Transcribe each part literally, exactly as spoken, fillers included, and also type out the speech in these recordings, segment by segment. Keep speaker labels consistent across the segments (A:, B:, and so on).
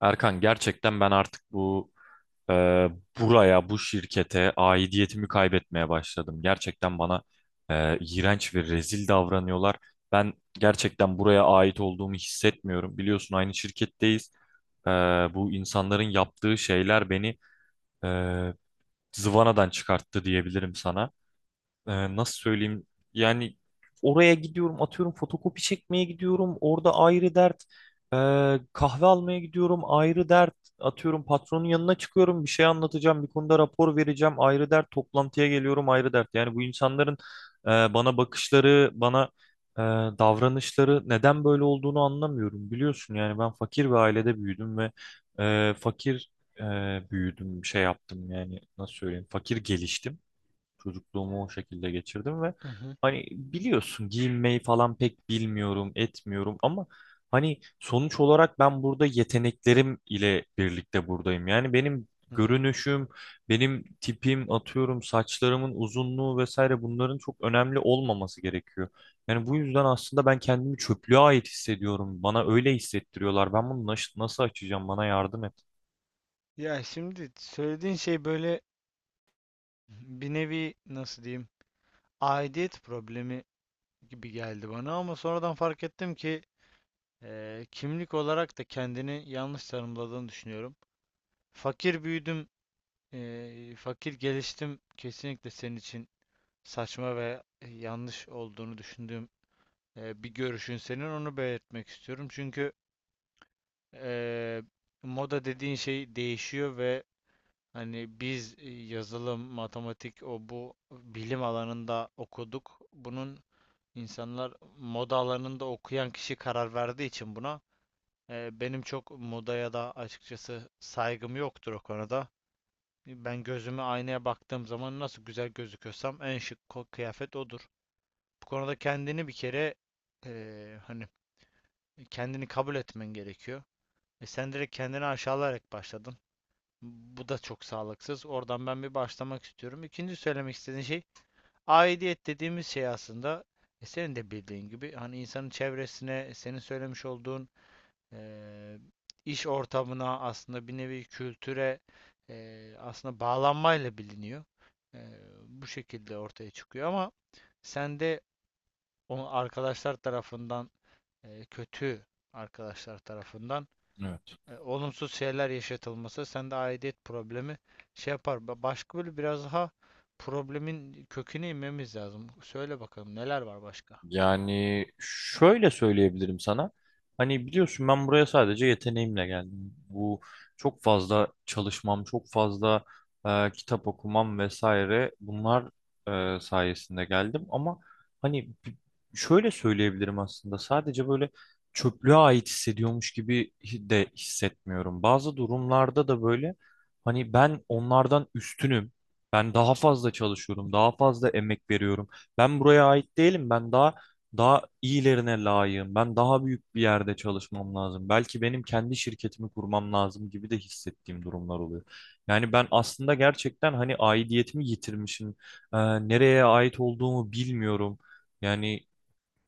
A: Erkan gerçekten ben artık bu e, buraya, bu şirkete aidiyetimi kaybetmeye başladım. Gerçekten bana e, iğrenç ve rezil davranıyorlar. Ben gerçekten buraya ait olduğumu hissetmiyorum. Biliyorsun aynı şirketteyiz. E, Bu insanların yaptığı şeyler beni e, zıvanadan çıkarttı diyebilirim sana. E, nasıl söyleyeyim yani, oraya gidiyorum, atıyorum fotokopi çekmeye gidiyorum, orada ayrı dert. E, Kahve almaya gidiyorum ayrı dert, atıyorum patronun yanına çıkıyorum, bir şey anlatacağım, bir konuda rapor vereceğim ayrı dert, toplantıya geliyorum ayrı dert. Yani bu insanların e, bana bakışları, bana e, davranışları neden böyle olduğunu anlamıyorum. Biliyorsun yani, ben fakir bir ailede büyüdüm ve e, fakir e, büyüdüm, şey yaptım, yani nasıl söyleyeyim, fakir geliştim. Çocukluğumu o şekilde geçirdim ve
B: Hı hı,
A: hani biliyorsun, giyinmeyi falan pek bilmiyorum, etmiyorum, ama hani sonuç olarak ben burada yeteneklerim ile birlikte buradayım. Yani benim
B: hı hı.
A: görünüşüm, benim tipim, atıyorum saçlarımın uzunluğu vesaire, bunların çok önemli olmaması gerekiyor. Yani bu yüzden aslında ben kendimi çöplüğe ait hissediyorum. Bana öyle hissettiriyorlar. Ben bunu naş- nasıl açacağım? Bana yardım et.
B: Ya şimdi söylediğin şey böyle bir nevi nasıl diyeyim aidiyet problemi gibi geldi bana ama sonradan fark ettim ki eee, kimlik olarak da kendini yanlış tanımladığını düşünüyorum. Fakir büyüdüm, eee, fakir geliştim kesinlikle senin için saçma ve e, yanlış olduğunu düşündüğüm eee, bir görüşün senin onu belirtmek istiyorum. Çünkü eee, moda dediğin şey değişiyor ve Hani biz e, yazılım, matematik, o bu bilim alanında okuduk. Bunun insanlar moda alanında okuyan kişi karar verdiği için buna e, benim çok modaya da açıkçası saygım yoktur o konuda. Ben gözümü aynaya baktığım zaman nasıl güzel gözüküyorsam en şık ko- kıyafet odur. Bu konuda kendini bir kere e, hani kendini kabul etmen gerekiyor. E sen direkt kendini aşağılayarak başladın. Bu da çok sağlıksız. Oradan ben bir başlamak istiyorum. İkinci söylemek istediğim şey aidiyet dediğimiz şey aslında e, senin de bildiğin gibi hani insanın çevresine, senin söylemiş olduğun eee, iş ortamına aslında bir nevi kültüre eee, aslında bağlanmayla biliniyor. Eee, bu şekilde ortaya çıkıyor ama sen de onu arkadaşlar tarafından eee, kötü arkadaşlar tarafından
A: Evet.
B: e, olumsuz şeyler yaşatılması sende aidiyet problemi şey yapar. Başka böyle biraz daha problemin köküne inmemiz lazım. Söyle bakalım neler var başka?
A: Yani şöyle söyleyebilirim sana. Hani biliyorsun, ben buraya sadece yeteneğimle geldim. Bu çok fazla çalışmam, çok fazla e, kitap okumam vesaire, bunlar e, sayesinde geldim. Ama hani bi- şöyle söyleyebilirim, aslında sadece böyle çöplüğe ait hissediyormuş gibi hi- de hissetmiyorum. Bazı durumlarda da böyle, hani ben onlardan üstünüm. Ben daha fazla çalışıyorum, daha fazla emek veriyorum. Ben buraya ait değilim. Ben daha daha iyilerine layığım. Ben daha büyük bir yerde çalışmam lazım. Belki benim kendi şirketimi kurmam lazım gibi de hissettiğim durumlar oluyor. Yani ben aslında gerçekten hani aidiyetimi yitirmişim. Ee, Nereye ait olduğumu bilmiyorum. Yani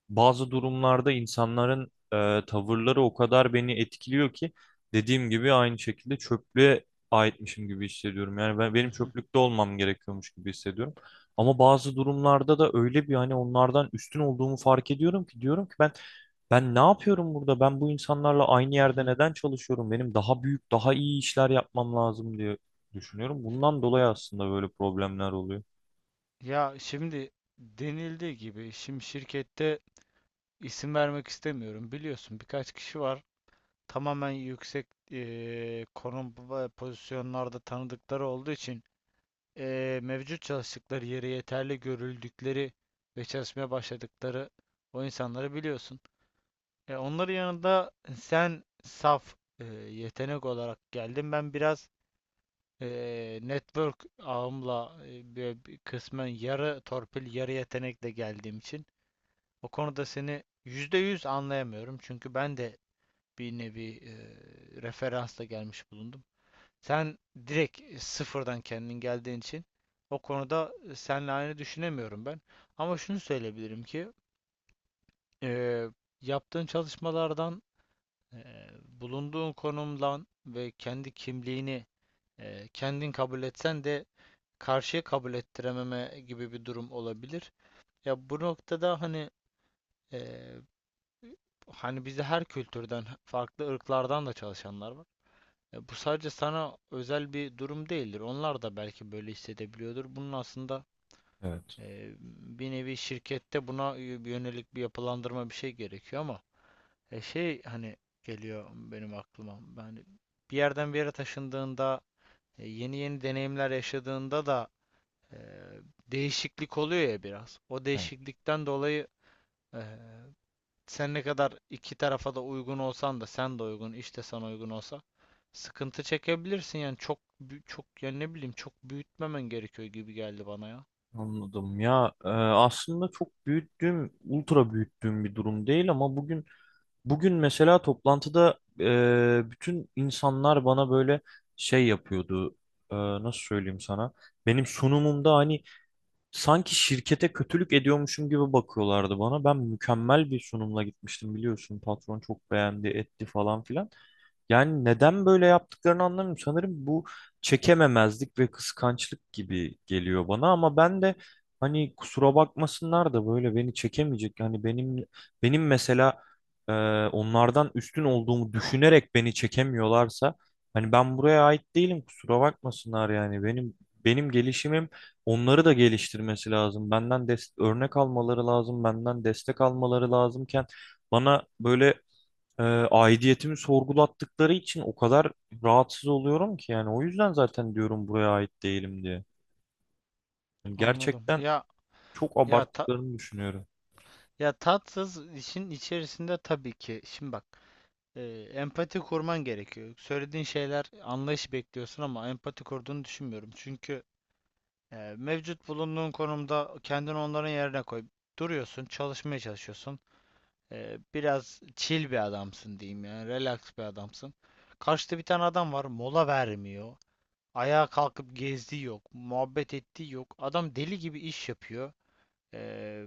A: bazı durumlarda insanların e, tavırları o kadar beni etkiliyor ki, dediğim gibi aynı şekilde çöplüğe aitmişim gibi hissediyorum. Yani ben,
B: Hı
A: benim
B: hı.
A: çöplükte olmam gerekiyormuş gibi hissediyorum. Ama bazı durumlarda da öyle bir, hani onlardan üstün olduğumu fark ediyorum ki diyorum ki, ben ben ne yapıyorum burada? Ben bu insanlarla aynı
B: Hı
A: yerde
B: hı.
A: neden çalışıyorum? Benim daha büyük, daha iyi işler yapmam lazım diye düşünüyorum. Bundan dolayı aslında böyle problemler oluyor.
B: Ya şimdi denildiği gibi şimdi şirkette isim vermek istemiyorum. Biliyorsun birkaç kişi var. Tamamen yüksek eee, konum ve pozisyonlarda tanıdıkları olduğu için eee, mevcut çalıştıkları yere yeterli görüldükleri ve çalışmaya başladıkları o insanları biliyorsun. Ya onların yanında sen saf e, yetenek olarak geldin. Ben biraz e, network ağımla e, böyle bir kısmen yarı torpil, yarı yetenekle geldiğim için o konuda seni yüzde yüz anlayamıyorum. Çünkü ben de bir nevi e, referansla gelmiş bulundum. Sen direkt e, sıfırdan kendin geldiğin için o konuda seninle aynı düşünemiyorum ben. Ama şunu söyleyebilirim ki e, yaptığın çalışmalardan Eee, bulunduğun konumdan ve kendi kimliğini eee, kendin kabul etsen de karşıya kabul ettirememe gibi bir durum olabilir. Ya bu noktada hani eee, hani bizde her kültürden, farklı ırklardan da çalışanlar var. E, bu sadece sana özel bir durum değildir. Onlar da belki böyle hissedebiliyordur. Bunun aslında
A: Evet.
B: eee, bir nevi şirkette buna yönelik bir yapılandırma bir şey gerekiyor ama E şey hani geliyor benim aklıma. Yani bir yerden bir yere taşındığında, e, yeni yeni deneyimler yaşadığında da e, değişiklik oluyor ya biraz. O değişiklikten dolayı e, sen ne kadar iki tarafa da uygun olsan da sen de uygun, işte sana uygun olsa sıkıntı çekebilirsin yani çok bü- çok yani ne bileyim çok büyütmemen gerekiyor gibi geldi bana ya.
A: Anladım ya, e, aslında çok büyüttüğüm, ultra büyüttüğüm bir durum değil, ama bugün bugün mesela toplantıda e, bütün insanlar bana böyle şey yapıyordu. E, nasıl söyleyeyim sana, benim sunumumda hani sanki şirkete kötülük ediyormuşum gibi bakıyorlardı bana. Ben mükemmel bir sunumla gitmiştim, biliyorsun patron çok beğendi etti falan filan. Yani neden böyle yaptıklarını anlamıyorum. Sanırım bu çekememezlik ve kıskançlık gibi geliyor bana, ama ben de hani kusura bakmasınlar da böyle beni çekemeyecek. Hani benim, benim mesela e, onlardan üstün olduğumu düşünerek beni çekemiyorlarsa, hani ben buraya ait değilim, kusura bakmasınlar. Yani benim benim gelişimim onları da geliştirmesi lazım. Benden dest- örnek almaları lazım, benden destek almaları lazımken bana böyle e, aidiyetimi sorgulattıkları için o kadar rahatsız oluyorum ki, yani o yüzden zaten diyorum buraya ait değilim diye. Yani
B: Anladım.
A: gerçekten
B: Ya
A: çok
B: ya ta-
A: abarttıklarını düşünüyorum.
B: ya tatsız işin içerisinde tabii ki. Şimdi bak e, empati kurman gerekiyor. Söylediğin şeyler anlayış bekliyorsun ama empati kurduğunu düşünmüyorum. Çünkü e, mevcut bulunduğun konumda kendini onların yerine koy. Duruyorsun, çalışmaya çalışıyorsun. E, biraz chill bir adamsın diyeyim yani, relax bir adamsın. Karşıda bir tane adam var, mola vermiyor. Ayağa kalkıp gezdiği yok, muhabbet ettiği yok. Adam deli gibi iş yapıyor. E,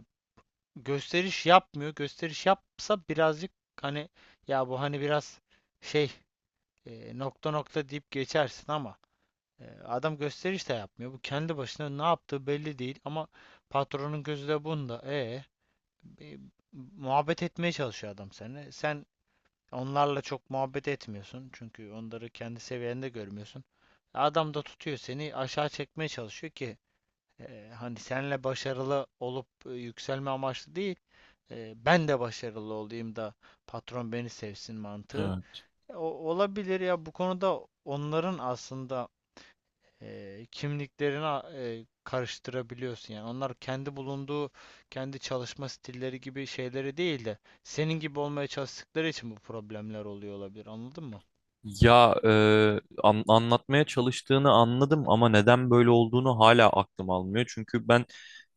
B: gösteriş yapmıyor. Gösteriş yapsa birazcık hani ya bu hani biraz şey e, nokta nokta deyip geçersin ama e, adam gösteriş de yapmıyor. Bu kendi başına ne yaptığı belli değil ama patronun gözü de bunda. E, e, muhabbet etmeye çalışıyor adam seninle. Sen onlarla çok muhabbet etmiyorsun çünkü onları kendi seviyende görmüyorsun. Adam da tutuyor seni aşağı çekmeye çalışıyor ki e, hani senle başarılı olup e, yükselme amaçlı değil. e, ben de başarılı olayım da patron beni sevsin mantığı.
A: Evet.
B: E, o- olabilir ya bu konuda onların aslında e, kimliklerini a- e, karıştırabiliyorsun yani onlar kendi bulunduğu kendi çalışma stilleri gibi şeyleri değil de senin gibi olmaya çalıştıkları için bu problemler oluyor olabilir anladın mı?
A: Ya e, an- anlatmaya çalıştığını anladım, ama neden böyle olduğunu hala aklım almıyor. Çünkü ben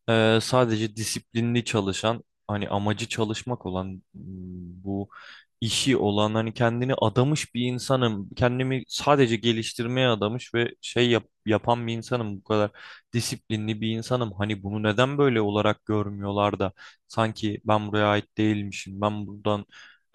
A: e, sadece disiplinli çalışan, hani amacı çalışmak olan, m, bu işi olan, hani kendini adamış bir insanım. Kendimi sadece geliştirmeye adamış ve şey yap- yapan bir insanım. Bu kadar disiplinli bir insanım. Hani bunu neden böyle olarak görmüyorlar da sanki ben buraya ait değilmişim. Ben buradan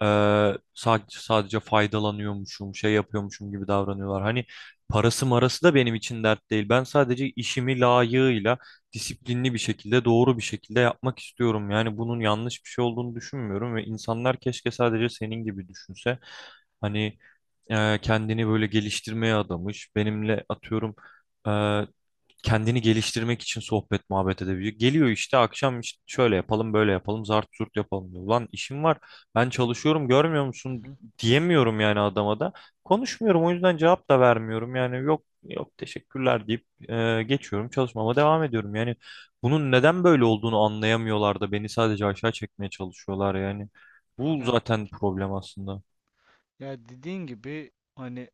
A: Eee, sadece, sadece faydalanıyormuşum, şey yapıyormuşum gibi davranıyorlar. Hani parası marası da benim için dert değil. Ben sadece işimi layığıyla, disiplinli bir şekilde, doğru bir şekilde yapmak istiyorum. Yani bunun yanlış bir şey olduğunu düşünmüyorum ve insanlar keşke sadece senin gibi düşünse. Hani eee, kendini böyle geliştirmeye adamış, benimle atıyorum e, kendini geliştirmek için sohbet muhabbet edebiliyor. Geliyor işte, akşam işte şöyle yapalım, böyle yapalım, zart zurt yapalım diyor. Ulan işim var, ben çalışıyorum, görmüyor
B: Hı
A: musun
B: hı.
A: diyemiyorum yani adama da. Konuşmuyorum, o yüzden cevap da vermiyorum, yani yok yok teşekkürler deyip e, geçiyorum, çalışmama devam ediyorum. Yani bunun neden böyle olduğunu anlayamıyorlar da beni sadece aşağı çekmeye çalışıyorlar yani. Bu
B: Ya
A: zaten problem aslında.
B: ya dediğin gibi hani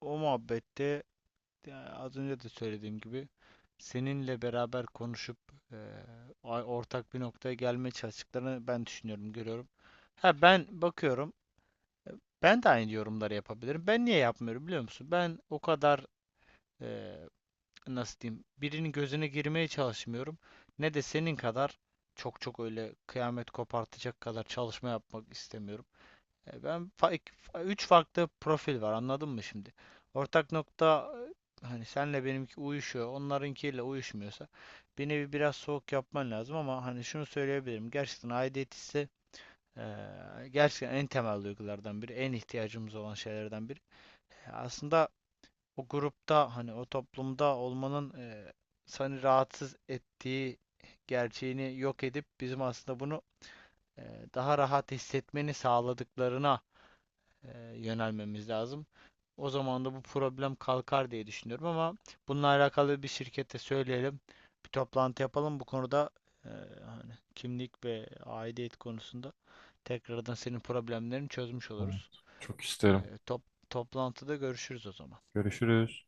B: o muhabbette ya az önce de söylediğim gibi seninle beraber konuşup e, a- ortak bir noktaya gelmeye çalıştıklarını ben düşünüyorum görüyorum. Ha ben bakıyorum. Ben de aynı yorumları yapabilirim. Ben niye yapmıyorum biliyor musun? Ben o kadar e, nasıl diyeyim birinin gözüne girmeye çalışmıyorum. Ne de senin kadar çok çok öyle kıyamet kopartacak kadar çalışma yapmak istemiyorum. E, ben üç farklı profil var anladın mı şimdi? Ortak nokta e, hani senle benimki uyuşuyor. Onlarınkiyle uyuşmuyorsa bir nevi biraz soğuk yapman lazım ama hani şunu söyleyebilirim. Gerçekten aidiyet hissi ee, gerçekten en temel duygulardan biri, en ihtiyacımız olan şeylerden biri. Ee, Aslında o grupta hani o toplumda olmanın e, seni rahatsız ettiği gerçeğini yok edip bizim aslında bunu e, daha rahat hissetmeni sağladıklarına e, yönelmemiz lazım. O zaman da bu problem kalkar diye düşünüyorum ama bununla alakalı bir şirkete söyleyelim. Bir toplantı yapalım bu konuda e, hani kimlik ve aidiyet konusunda tekrardan senin problemlerini çözmüş
A: Evet,
B: oluruz.
A: çok
B: E,
A: isterim.
B: top, toplantıda görüşürüz o zaman.
A: Görüşürüz.